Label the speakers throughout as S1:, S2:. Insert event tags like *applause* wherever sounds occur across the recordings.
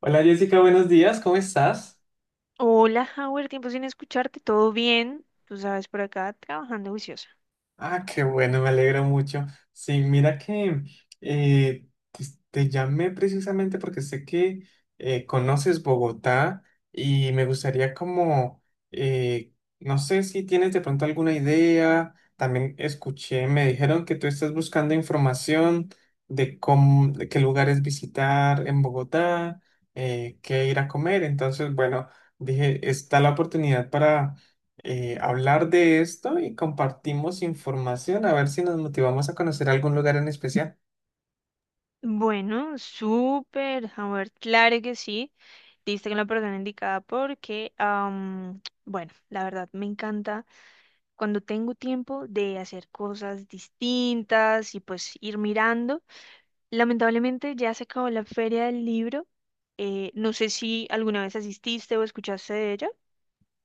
S1: Hola Jessica, buenos días, ¿cómo estás?
S2: Hola, Howard, tiempo sin escucharte, ¿todo bien? Tú sabes, por acá trabajando juiciosa.
S1: Ah, qué bueno, me alegro mucho. Sí, mira que eh, te, te llamé precisamente porque sé que conoces Bogotá y me gustaría como, eh, no sé si tienes de pronto alguna idea, también escuché, me dijeron que tú estás buscando información de cómo, de qué lugares visitar en Bogotá, qué ir a comer, entonces bueno, dije, está la oportunidad para hablar de esto y compartimos información, a ver si nos motivamos a conocer algún lugar en especial.
S2: Bueno, súper, Howard, claro que sí. Diste con la persona indicada porque, bueno, la verdad me encanta cuando tengo tiempo de hacer cosas distintas y pues ir mirando. Lamentablemente ya se acabó la feria del libro. No sé si alguna vez asististe o escuchaste de ella.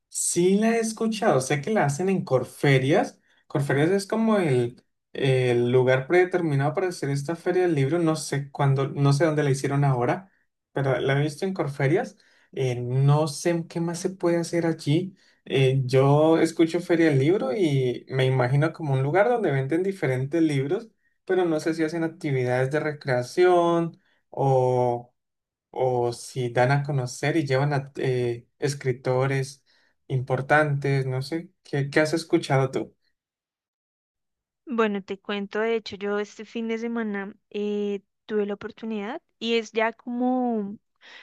S1: Sí la he escuchado, sé que la hacen en Corferias. Corferias es como el lugar predeterminado para hacer esta feria del libro. No sé cuándo, no sé dónde la hicieron ahora, pero la he visto en Corferias. No sé qué más se puede hacer allí. Yo escucho feria del libro y me imagino como un lugar donde venden diferentes libros, pero no sé si hacen actividades de recreación o o si dan a conocer y llevan a escritores importantes, no sé, ¿qué has escuchado tú?
S2: Bueno, te cuento, de hecho, yo este fin de semana tuve la oportunidad y es ya como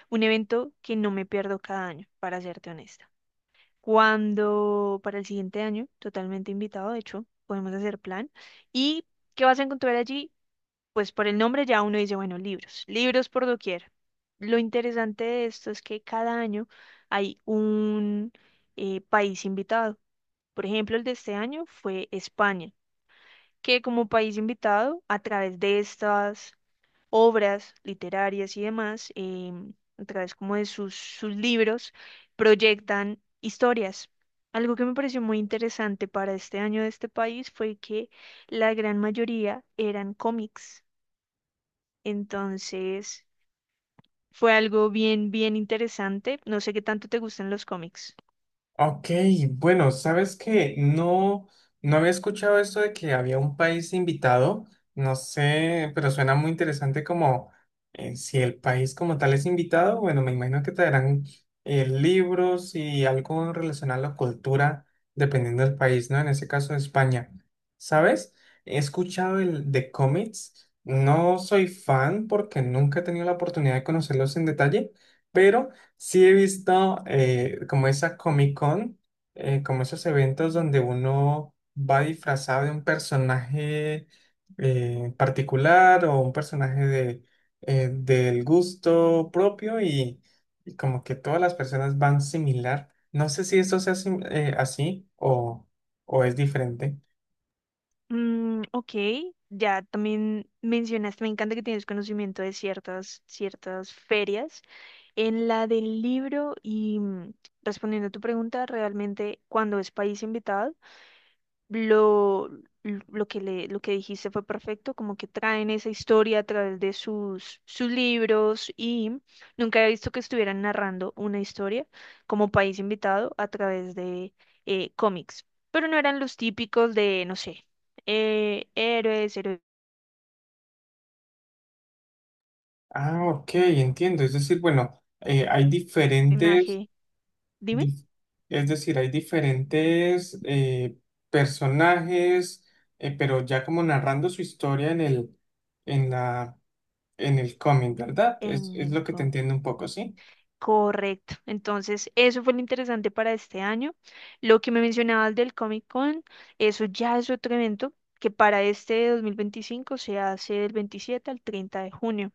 S2: un evento que no me pierdo cada año, para serte honesta. Cuando para el siguiente año, totalmente invitado, de hecho, podemos hacer plan. ¿Y qué vas a encontrar allí? Pues por el nombre ya uno dice, bueno, libros, libros por doquier. Lo interesante de esto es que cada año hay un país invitado. Por ejemplo, el de este año fue España que como país invitado, a través de estas obras literarias y demás, a través como de sus libros, proyectan historias. Algo que me pareció muy interesante para este año de este país fue que la gran mayoría eran cómics. Entonces, fue algo bien, bien interesante. No sé qué tanto te gustan los cómics.
S1: Ok, bueno, sabes que no, no había escuchado esto de que había un país invitado, no sé, pero suena muy interesante como si el país como tal es invitado, bueno, me imagino que traerán libros y algo relacionado a la cultura, dependiendo del país, ¿no? En ese caso, España. ¿Sabes? He escuchado el de cómics, no soy fan porque nunca he tenido la oportunidad de conocerlos en detalle, pero sí he visto como esa Comic Con, como esos eventos donde uno va disfrazado de un personaje particular o un personaje del gusto propio y como que todas las personas van similar. No sé si esto sea así o es diferente.
S2: Mm, ok, ya también mencionaste, me encanta que tienes conocimiento de ciertas, ciertas ferias. En la del libro y mm, respondiendo a tu pregunta, realmente cuando es país invitado, lo, lo que dijiste fue perfecto, como que traen esa historia a través de sus libros y mm, nunca he visto que estuvieran narrando una historia como país invitado a través de cómics, pero no eran los típicos de, no sé, héroes, héroe-
S1: Ah, ok, entiendo. Es decir, bueno, hay diferentes
S2: personaje, dime,
S1: Dif- es decir, hay diferentes personajes, pero ya como narrando su historia en la, en el cómic, ¿verdad?
S2: en
S1: Es
S2: el
S1: lo que te
S2: cómic.
S1: entiendo un poco, ¿sí?
S2: Correcto. Entonces, eso fue lo interesante para este año. Lo que me mencionabas del Comic Con, eso ya es otro evento que para este 2025 se hace del 27 al 30 de junio.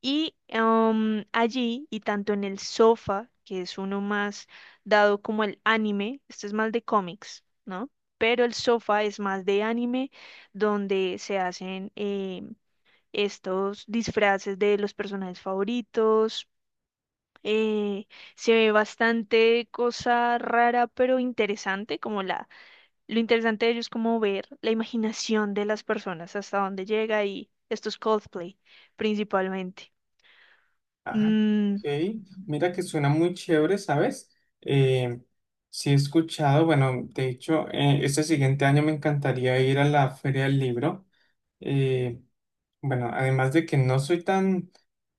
S2: Y allí, y tanto en el sofá, que es uno más dado como el anime, este es más de cómics, ¿no? Pero el sofá es más de anime, donde se hacen estos disfraces de los personajes favoritos, eh, se ve bastante cosa rara pero interesante, como lo interesante de ellos es como ver la imaginación de las personas hasta dónde llega y esto es Coldplay principalmente.
S1: Ah,
S2: Mm,
S1: ok. Mira que suena muy chévere, ¿sabes? Eh, sí he escuchado, bueno, de hecho, este siguiente año me encantaría ir a la Feria del Libro. Eh, Bueno, además de que no soy tan,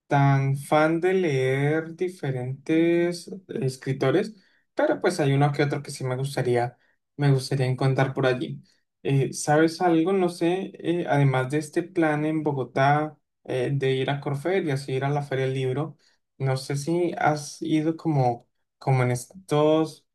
S1: tan fan de leer diferentes escritores, pero pues hay uno que otro que sí me gustaría encontrar por allí. ¿Sabes algo? No sé, además de este plan en Bogotá de ir a Corferias, ir a la Feria del Libro, no sé si has ido como en estos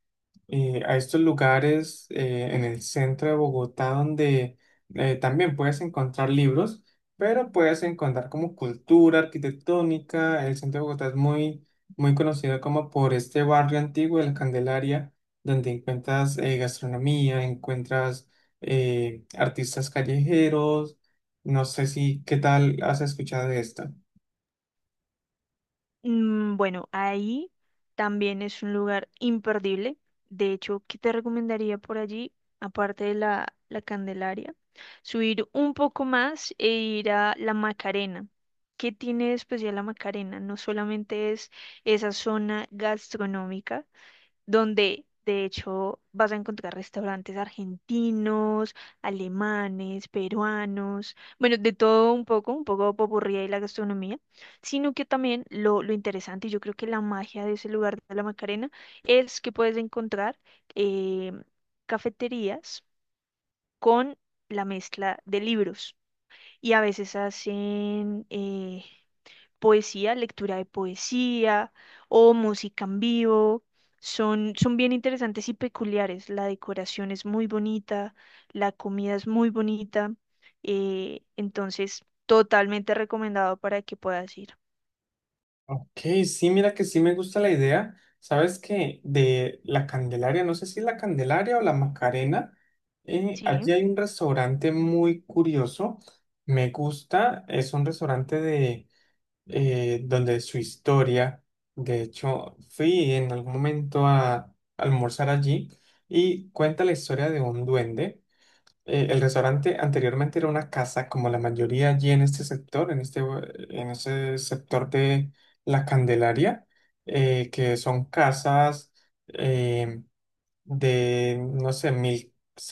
S1: a estos lugares en el centro de Bogotá donde también puedes encontrar libros, pero puedes encontrar como cultura arquitectónica. El centro de Bogotá es muy, muy conocido como por este barrio antiguo de la Candelaria, donde encuentras gastronomía, encuentras artistas callejeros. No sé si, ¿Qué tal has escuchado de esto?
S2: Bueno, ahí también es un lugar imperdible. De hecho, ¿qué te recomendaría por allí, aparte de la Candelaria? Subir un poco más e ir a la Macarena. ¿Qué tiene de especial la Macarena? No solamente es esa zona gastronómica, donde de hecho vas a encontrar restaurantes argentinos, alemanes, peruanos, bueno, de todo un poco popurrí y la gastronomía, sino que también lo interesante, y yo creo que la magia de ese lugar de la Macarena, es que puedes encontrar eh, cafeterías con la mezcla de libros. Y a veces hacen poesía, lectura de poesía o música en vivo. Son, son bien interesantes y peculiares. La decoración es muy bonita, la comida es muy bonita. Entonces, totalmente recomendado para que puedas ir.
S1: Ok, sí, mira que sí me gusta la idea. Sabes que de la Candelaria, no sé si la Candelaria o la Macarena,
S2: Sí,
S1: allí hay un restaurante muy curioso. Me gusta, es un restaurante de donde su historia. De hecho, fui en algún momento a almorzar allí y cuenta la historia de un duende. El restaurante anteriormente era una casa, como la mayoría allí en este sector, en ese sector de La Candelaria, que son casas eh, de, no sé, mil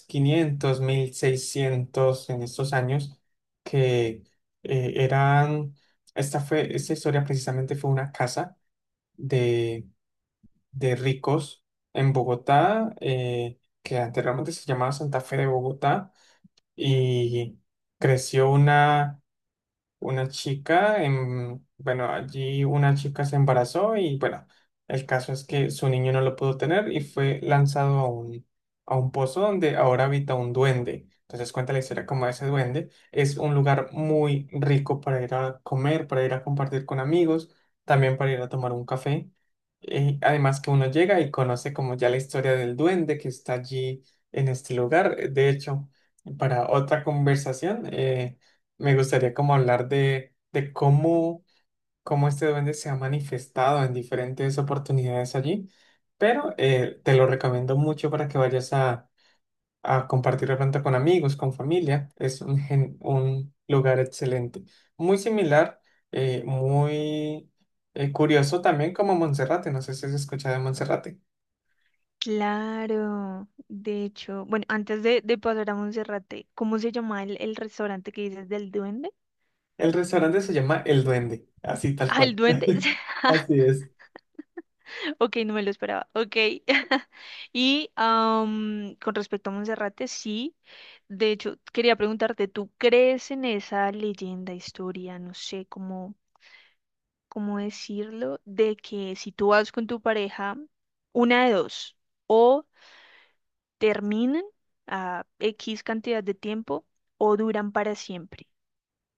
S1: quinientos 1600 en estos años, que eran, esta fue, esta historia precisamente fue una casa de, de ricos en Bogotá, que anteriormente se llamaba Santa Fe de Bogotá, y creció una chica, bueno, allí una chica se embarazó y bueno, el caso es que su niño no lo pudo tener y fue lanzado a un pozo donde ahora habita un duende. Entonces cuenta la historia como ese duende. Es un lugar muy rico para ir a comer, para ir a compartir con amigos, también para ir a tomar un café. Además que uno llega y conoce como ya la historia del duende que está allí en este lugar. De hecho, para otra conversación, me gustaría como hablar de cómo este duende se ha manifestado en diferentes oportunidades allí, pero te lo recomiendo mucho para que vayas a compartir de pronto con amigos, con familia. Es un lugar excelente, muy similar, muy curioso también como Monserrate, no sé si has escuchado de Monserrate.
S2: claro. De hecho, bueno, antes de pasar a Monserrate, ¿cómo se llama el restaurante que dices del duende?
S1: El restaurante se llama El Duende, así tal
S2: Ah, el
S1: cual.
S2: duende.
S1: *laughs* Así
S2: *laughs*
S1: es.
S2: *laughs* Ok, no me lo esperaba. Ok. *laughs* Y con respecto a Monserrate, sí. De hecho, quería preguntarte, ¿tú crees en esa leyenda, historia, no sé cómo, cómo decirlo, de que si tú vas con tu pareja, una de dos, o terminan a X cantidad de tiempo o duran para siempre?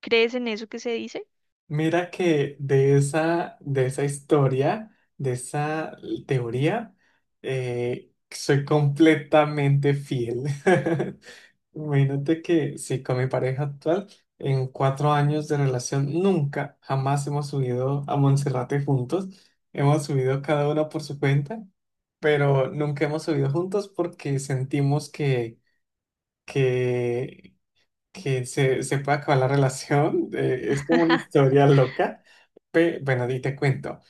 S2: ¿Crees en eso que se dice?
S1: Mira que de esa historia, de esa teoría, soy completamente fiel. *laughs* Imagínate que sí, con mi pareja actual, en 4 años de relación, nunca, jamás hemos subido a Monserrate juntos. Hemos subido cada uno por su cuenta, pero nunca hemos subido juntos porque sentimos que que se, se puede acabar la relación. Es como una
S2: *laughs*
S1: historia loca. Bueno, y te cuento.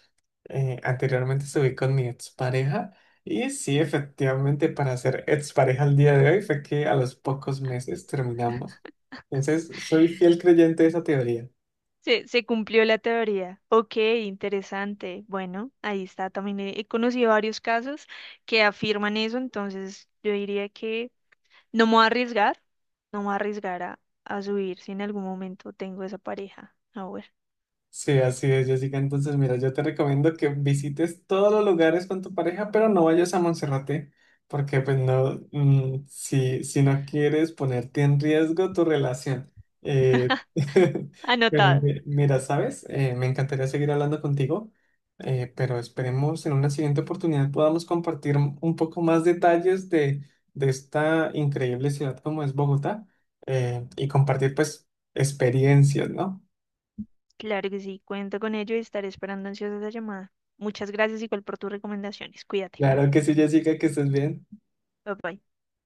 S1: Anteriormente estuve con mi expareja y sí, efectivamente, para ser expareja al día de hoy fue que a los pocos meses terminamos. Entonces, soy fiel creyente de esa teoría.
S2: Se cumplió la teoría. Ok, interesante. Bueno, ahí está. También he conocido varios casos que afirman eso, entonces yo diría que no me voy a arriesgar, no me voy a arriesgar a subir si en algún momento tengo esa pareja. Ahora,
S1: Sí, así es, Jessica. Entonces, mira, yo te recomiendo que visites todos los lugares con tu pareja, pero no vayas a Monserrate, porque pues no, si, si no quieres ponerte en riesgo tu relación. Eh,
S2: *laughs*
S1: *laughs* pero
S2: anotado.
S1: mira, ¿sabes? Me encantaría seguir hablando contigo, pero esperemos en una siguiente oportunidad podamos compartir un poco más detalles de esta increíble ciudad como es Bogotá, y compartir pues experiencias, ¿no?
S2: Claro que sí, cuento con ello y estaré esperando ansiosa esa llamada. Muchas gracias igual por tus recomendaciones. Cuídate.
S1: Claro que sí, Jessica, que estés bien.
S2: Bye bye.